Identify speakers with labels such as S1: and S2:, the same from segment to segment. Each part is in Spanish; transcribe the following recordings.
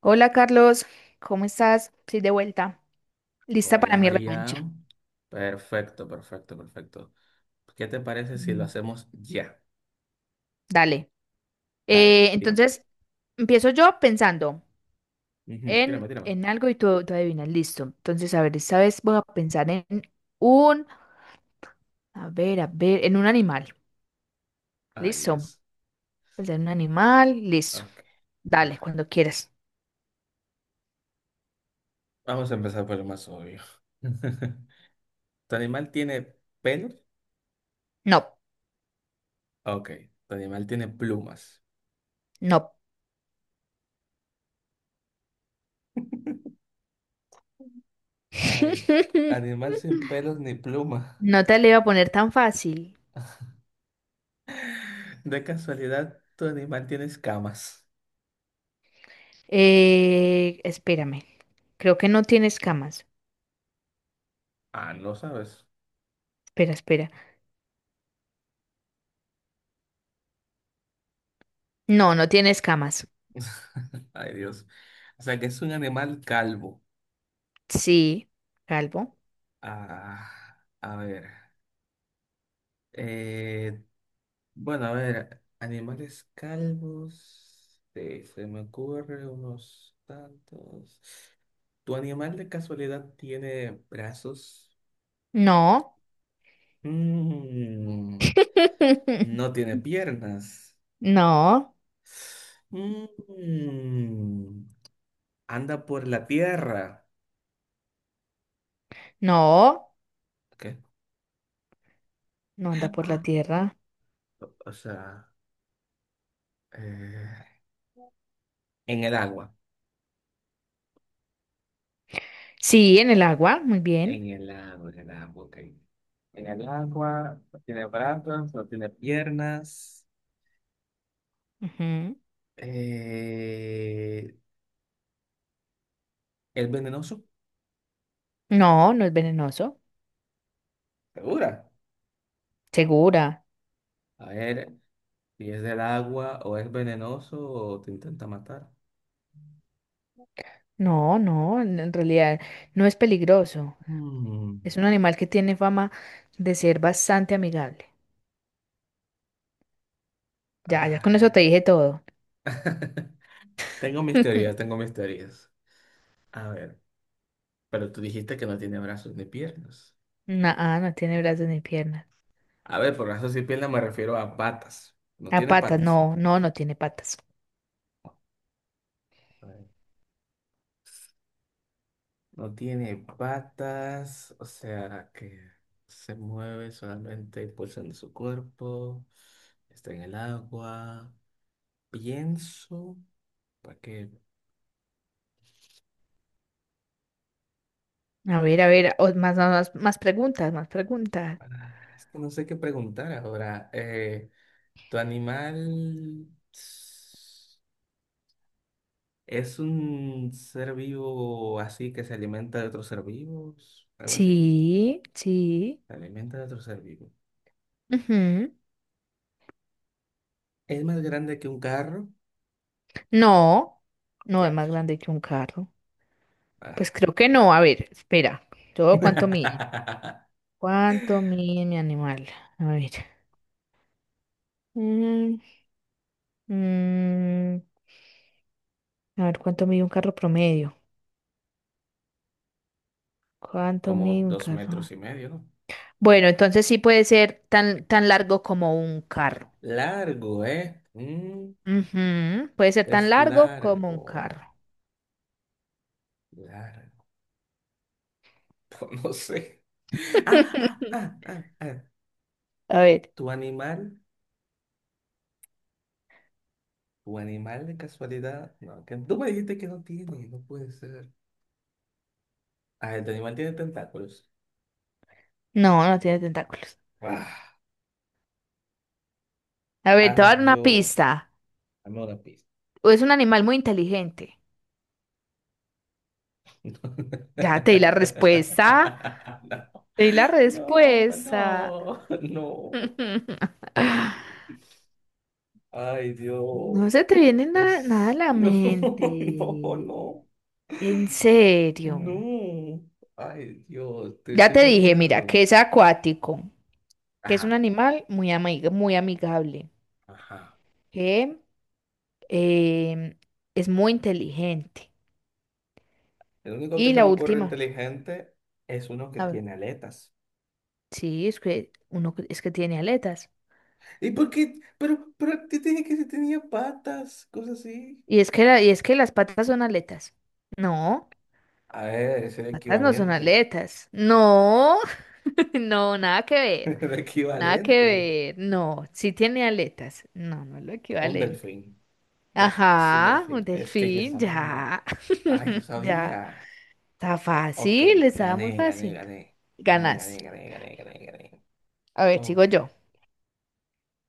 S1: Hola Carlos, ¿cómo estás? Estoy de vuelta, lista
S2: Hola
S1: para mi
S2: María.
S1: revancha.
S2: Perfecto, perfecto, perfecto. ¿Qué te parece si lo
S1: Mm,
S2: hacemos ya?
S1: dale.
S2: Dale,
S1: Eh,
S2: tírame.
S1: entonces, Empiezo yo pensando
S2: Ujú,
S1: en,
S2: tírame, tírame.
S1: en algo y tú adivinas, listo. Entonces, a ver, esta vez voy a pensar en un, a ver, en un animal.
S2: Ay,
S1: Listo.
S2: Dios.
S1: Pensar en un animal, listo.
S2: Ok. A
S1: Dale,
S2: ver,
S1: cuando quieras.
S2: vamos a empezar por lo más obvio. ¿Tu animal tiene pelos?
S1: No,
S2: Ok. ¿Tu animal tiene plumas?
S1: no.
S2: Ay, animal sin pelos ni plumas.
S1: No te le iba a poner tan fácil.
S2: De casualidad, ¿tu animal tiene escamas?
S1: Espérame. Creo que no tiene escamas.
S2: Ah, no sabes.
S1: Espera, espera. No, no tiene escamas.
S2: Ay, Dios. O sea que es un animal calvo.
S1: Sí, calvo.
S2: Ah, a ver. Eh, bueno, a ver, animales calvos. Se me ocurre unos tantos. ¿Tu animal de casualidad tiene brazos?
S1: No.
S2: Mm, no tiene piernas.
S1: No,
S2: Mm, Anda por la tierra.
S1: no,
S2: ¿Qué?
S1: no anda por la
S2: Ah,
S1: tierra.
S2: o sea, eh, en el agua.
S1: Sí, en el agua, muy bien.
S2: En el agua, en el agua, ok. En el agua, no tiene brazos, no tiene piernas.
S1: Ujú.
S2: Eh, ¿Es venenoso?
S1: No, no es venenoso.
S2: ¿Segura?
S1: Segura.
S2: A ver, si es del agua o es venenoso o te intenta matar.
S1: No, no, en realidad no es peligroso.
S2: Mm,
S1: Es un animal que tiene fama de ser bastante amigable. Ya, ya con eso te
S2: ah.
S1: dije todo.
S2: Tengo mis teorías, tengo mis teorías. A ver, pero tú dijiste que no tiene brazos ni piernas.
S1: No, no tiene brazos ni piernas.
S2: A ver, por brazos y piernas me refiero a patas. No
S1: A
S2: tiene
S1: patas,
S2: patas.
S1: no, no, no tiene patas.
S2: A ver. No tiene patas, o sea que se mueve solamente impulsando su cuerpo. Está en el agua. Pienso, para que,
S1: A ver, más, más, más preguntas, más preguntas.
S2: es que no sé qué preguntar ahora. ¿Tu animal s- es un ser vivo así que se alimenta de otros ser vivos? Algo así.
S1: Sí, sí.
S2: Se alimenta de otros ser vivos.
S1: Ujú.
S2: ¿Es más grande que un carro?
S1: No, no es más
S2: Teatro.
S1: grande que un carro. Pues
S2: Ah.
S1: creo que no. A ver, espera. ¿Todo cuánto mide? ¿Cuánto mide mi animal? A ver. Mm, mm, a ver, ¿cuánto mide un carro promedio? ¿Cuánto
S2: Como
S1: mide un
S2: dos metros
S1: carro?
S2: y medio, ¿no?
S1: Bueno, entonces sí puede ser tan, tan largo como un carro.
S2: Largo, ¿eh?
S1: Ujú, puede ser tan
S2: Es
S1: largo como un
S2: largo,
S1: carro.
S2: largo. No sé. Ah, ah, ah, ah, ah.
S1: A ver.
S2: ¿Tu animal? ¿Tu animal de casualidad? No, que tú me dijiste que no tiene, no puede ser. Ah, el animal tiene tentáculos.
S1: No, no tiene tentáculos.
S2: Ah,
S1: A ver, te voy a
S2: ay,
S1: dar una
S2: Dios.
S1: pista.
S2: Dame una pista.
S1: O es un animal muy inteligente. Ya te di la respuesta. Te di la
S2: No,
S1: respuesta.
S2: no, no. No. Ay, Dios.
S1: No se te viene nada a la
S2: No, no,
S1: mente.
S2: no,
S1: En serio.
S2: no. Ay, Dios, estoy,
S1: Ya
S2: estoy
S1: te dije, mira,
S2: bloqueado.
S1: que es acuático, que es un
S2: Ajá,
S1: animal muy amigable,
S2: ajá.
S1: que em, es muy inteligente.
S2: El único que
S1: Y
S2: se
S1: la
S2: me ocurre
S1: última.
S2: inteligente es uno que
S1: A ver,
S2: tiene aletas.
S1: sí, es que es que tiene aletas.
S2: ¿Y por qué? Pero te dije que se tenía patas, cosas así.
S1: Y es que y es que las patas son aletas. No,
S2: A ver, es el
S1: patas no son
S2: equivalente.
S1: aletas. No, no, nada que ver.
S2: El
S1: Nada que
S2: equivalente.
S1: ver. No, sí tiene aletas. No, no es lo
S2: Un
S1: equivalente.
S2: delfín. Ya, es un
S1: Ajá, un
S2: delfín. Es que yo
S1: delfín,
S2: sabía.
S1: ya,
S2: Ay, yo
S1: ya.
S2: sabía.
S1: Está
S2: Ok,
S1: fácil, estaba
S2: gané,
S1: muy
S2: gané,
S1: fácil.
S2: gané. Gané, gané,
S1: Ganas.
S2: gané, gané, gané, gané.
S1: A ver,
S2: Ok.
S1: sigo yo.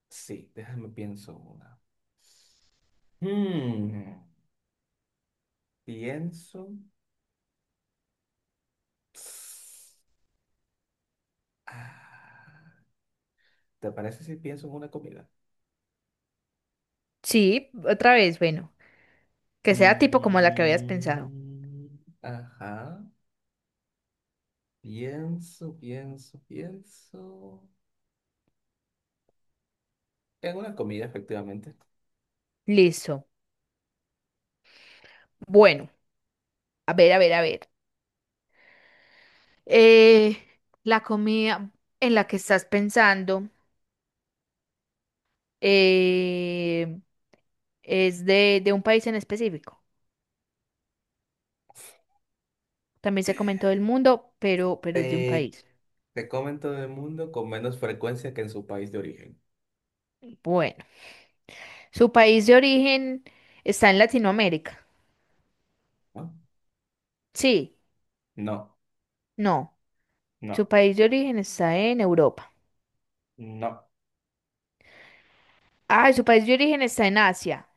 S2: Sí, déjame pienso una. Hmm, Pienso. Ah, ¿te parece si pienso en una comida?
S1: Sí, otra vez, bueno, que sea tipo como la que habías pensado.
S2: Mm, ajá. Pienso, pienso, pienso. En una comida, efectivamente.
S1: Listo. Bueno, a ver, a ver, a ver. Eh, la comida en la que estás pensando, eh, es de un país en específico. También se comentó del mundo, pero es de un
S2: Te,
S1: país.
S2: te comen todo el mundo con menos frecuencia que en su país de origen.
S1: Bueno, su país de origen está en Latinoamérica.
S2: ¿No?
S1: Sí,
S2: No,
S1: no. Su
S2: no,
S1: país de origen está en Europa.
S2: no.
S1: Ah, su país de origen está en Asia.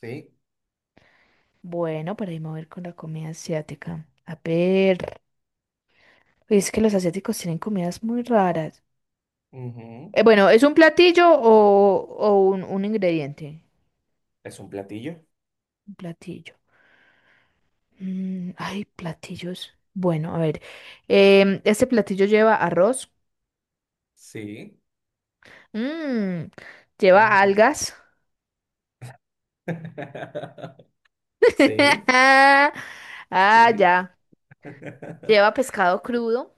S2: Sí.
S1: Bueno, para ahí me voy a ir con la comida asiática. A ver. Uy, es que los asiáticos tienen comidas muy raras.
S2: Ujú.
S1: Bueno, ¿es un platillo o, un ingrediente?
S2: ¿Es un platillo?
S1: Un platillo. Mm, ay, platillos. Bueno, a ver. Este platillo lleva arroz.
S2: Sí.
S1: Mm, lleva
S2: Mm.
S1: algas.
S2: Sí,
S1: Ah,
S2: sí.
S1: ya. Lleva pescado crudo.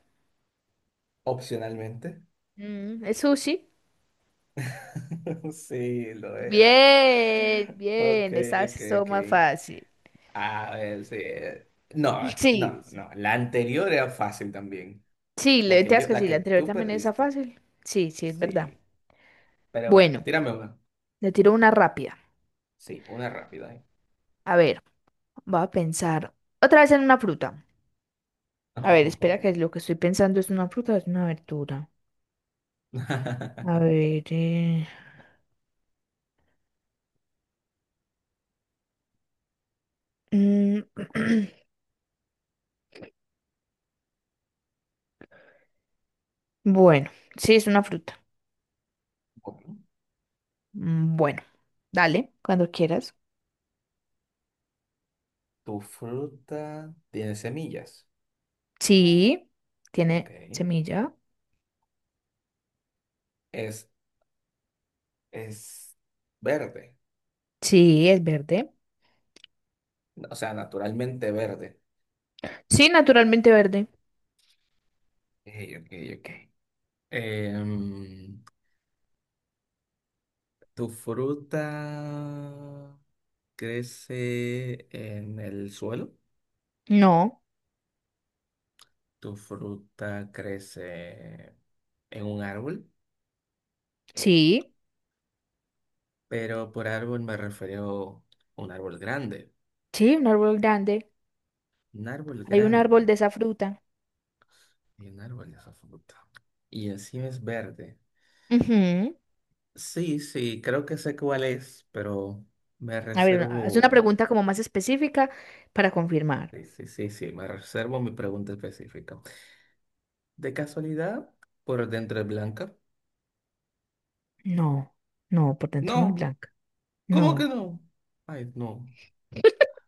S2: Opcionalmente.
S1: Mm, es sushi.
S2: Sí, lo era.
S1: Bien,
S2: Ok,
S1: bien. Esta
S2: ok,
S1: vez todo
S2: ok.
S1: más fácil.
S2: A ver, sí. No,
S1: Sí,
S2: no,
S1: sí.
S2: no. La anterior era fácil también.
S1: Sí,
S2: La
S1: le te
S2: que
S1: das
S2: yo,
S1: que
S2: la
S1: sí,
S2: que
S1: la anterior
S2: tú
S1: también es
S2: perdiste.
S1: fácil. Sí, sí, es verdad.
S2: Sí. Pero bueno,
S1: Bueno,
S2: tírame una.
S1: le tiro una rápida.
S2: Sí, una rápida. ¿Eh?
S1: A ver, voy a pensar otra vez en una fruta. A ver,
S2: No.
S1: espera que lo que estoy pensando es una fruta o es una verdura. A ver. Mm, Bueno, sí, es una fruta.
S2: Bueno,
S1: Mm, bueno, dale, cuando quieras.
S2: tu fruta tiene semillas.
S1: Sí,
S2: Ok.
S1: tiene semilla.
S2: Es, es verde.
S1: Sí, es verde.
S2: O sea, naturalmente verde.
S1: Sí, naturalmente verde.
S2: Ok, ok, ok. Em, ¿Tu fruta crece en el suelo?
S1: No.
S2: ¿Tu fruta crece en un árbol?
S1: Sí,
S2: Pero por árbol me refiero a un árbol grande.
S1: sí, un árbol grande.
S2: Un árbol
S1: Hay un árbol
S2: grande.
S1: de esa fruta.
S2: Y un árbol de esa fruta. Y encima es verde.
S1: Ujú.
S2: Sí, sí, creo que sé cuál es, pero me
S1: A ver, haz una
S2: reservo.
S1: pregunta como más específica para confirmar.
S2: Sí, sí, sí, sí, me reservo mi pregunta específica. ¿De casualidad? ¿Por dentro es blanca?
S1: No, no, por dentro no es
S2: No,
S1: blanca.
S2: ¿cómo que
S1: No.
S2: no? Ay, no,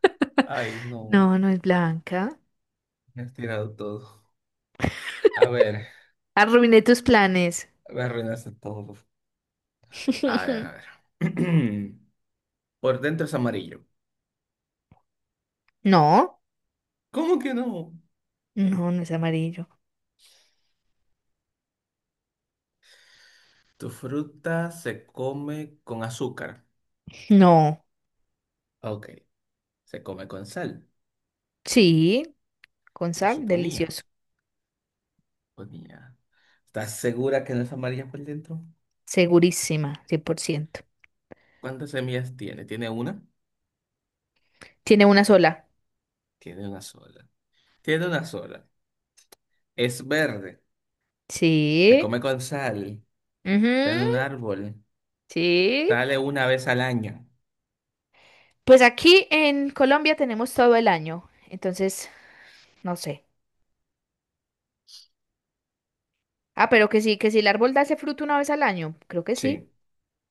S2: ay, no,
S1: No, no es blanca.
S2: me has tirado todo. A ver,
S1: Arruiné tus planes.
S2: me arruinaste todo. A ver, a ver. Por dentro es amarillo.
S1: No,
S2: ¿Cómo que no?
S1: no, no es amarillo.
S2: Tu fruta se come con azúcar.
S1: No,
S2: Ok, se come con sal.
S1: sí, con
S2: Lo
S1: sal,
S2: suponía,
S1: delicioso.
S2: suponía. ¿Estás segura que no es amarilla por dentro?
S1: Segurísima, 100%.
S2: ¿Cuántas semillas tiene? ¿Tiene una?
S1: Tiene una sola.
S2: Tiene una sola. Tiene una sola. Es verde. Se
S1: Sí,
S2: come con sal, está en un
S1: ujú,
S2: árbol,
S1: sí.
S2: sale una vez al año.
S1: Pues aquí en Colombia tenemos todo el año, entonces, no sé. Ah, pero que sí, que si el árbol da ese fruto una vez al año. Creo que
S2: Sí,
S1: sí,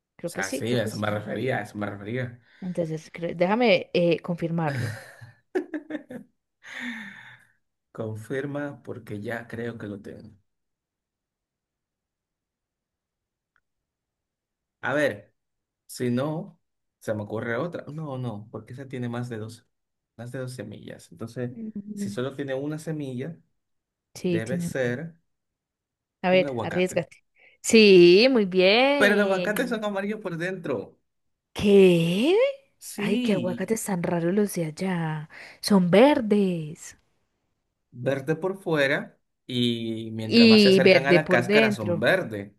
S2: o
S1: creo que
S2: sea,
S1: sí,
S2: sí,
S1: creo
S2: a
S1: que
S2: eso
S1: sí.
S2: me refería, a eso me refería.
S1: Entonces, déjame confirmarlo.
S2: Confirma porque ya creo que lo tengo. A ver, si no, se me ocurre otra. No, no, porque esa tiene más de dos semillas. Entonces, si
S1: Mm,
S2: solo tiene una semilla,
S1: sí,
S2: debe
S1: tiene.
S2: ser
S1: A
S2: un
S1: ver,
S2: aguacate.
S1: arriesgate. Sí, muy
S2: Pero los aguacates son
S1: bien.
S2: amarillos por dentro.
S1: ¿Qué? Ay, qué
S2: Sí,
S1: aguacates tan raros los de allá. Son verdes.
S2: verde por fuera y mientras más se
S1: Y
S2: acercan a
S1: verde
S2: la
S1: por
S2: cáscara son
S1: dentro.
S2: verdes.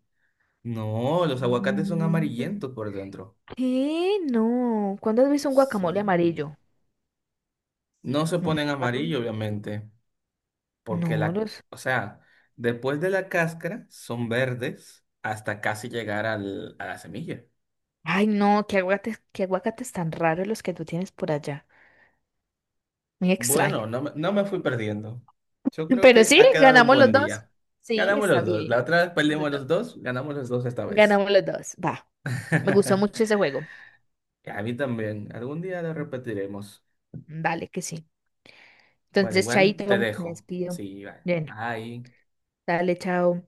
S2: No, los aguacates son
S1: Mm.
S2: amarillentos por dentro.
S1: ¿Qué? No. ¿Cuándo has visto un guacamole
S2: Sí.
S1: amarillo?
S2: No se ponen
S1: Nunca.
S2: amarillo, obviamente, porque
S1: No,
S2: la,
S1: los.
S2: o sea, después de la cáscara son verdes hasta casi llegar a la semilla.
S1: Ay, no, qué aguacates tan raros los que tú tienes por allá. Muy
S2: Bueno,
S1: extraño.
S2: no, no me fui perdiendo. Yo creo
S1: Pero
S2: que
S1: sí,
S2: ha quedado un
S1: ganamos los
S2: buen
S1: dos.
S2: día.
S1: Sí,
S2: Ganamos
S1: está
S2: los dos. La
S1: bien.
S2: otra vez
S1: Los
S2: perdimos
S1: dos.
S2: los dos, ganamos los dos esta vez.
S1: Ganamos los dos. Va. Me gustó mucho ese juego.
S2: Y a mí también. Algún día lo repetiremos.
S1: Vale, que sí.
S2: Bueno,
S1: Entonces,
S2: igual te
S1: chaito, me
S2: dejo.
S1: despido.
S2: Sí, bye.
S1: Bueno,
S2: Bye.
S1: dale, chao.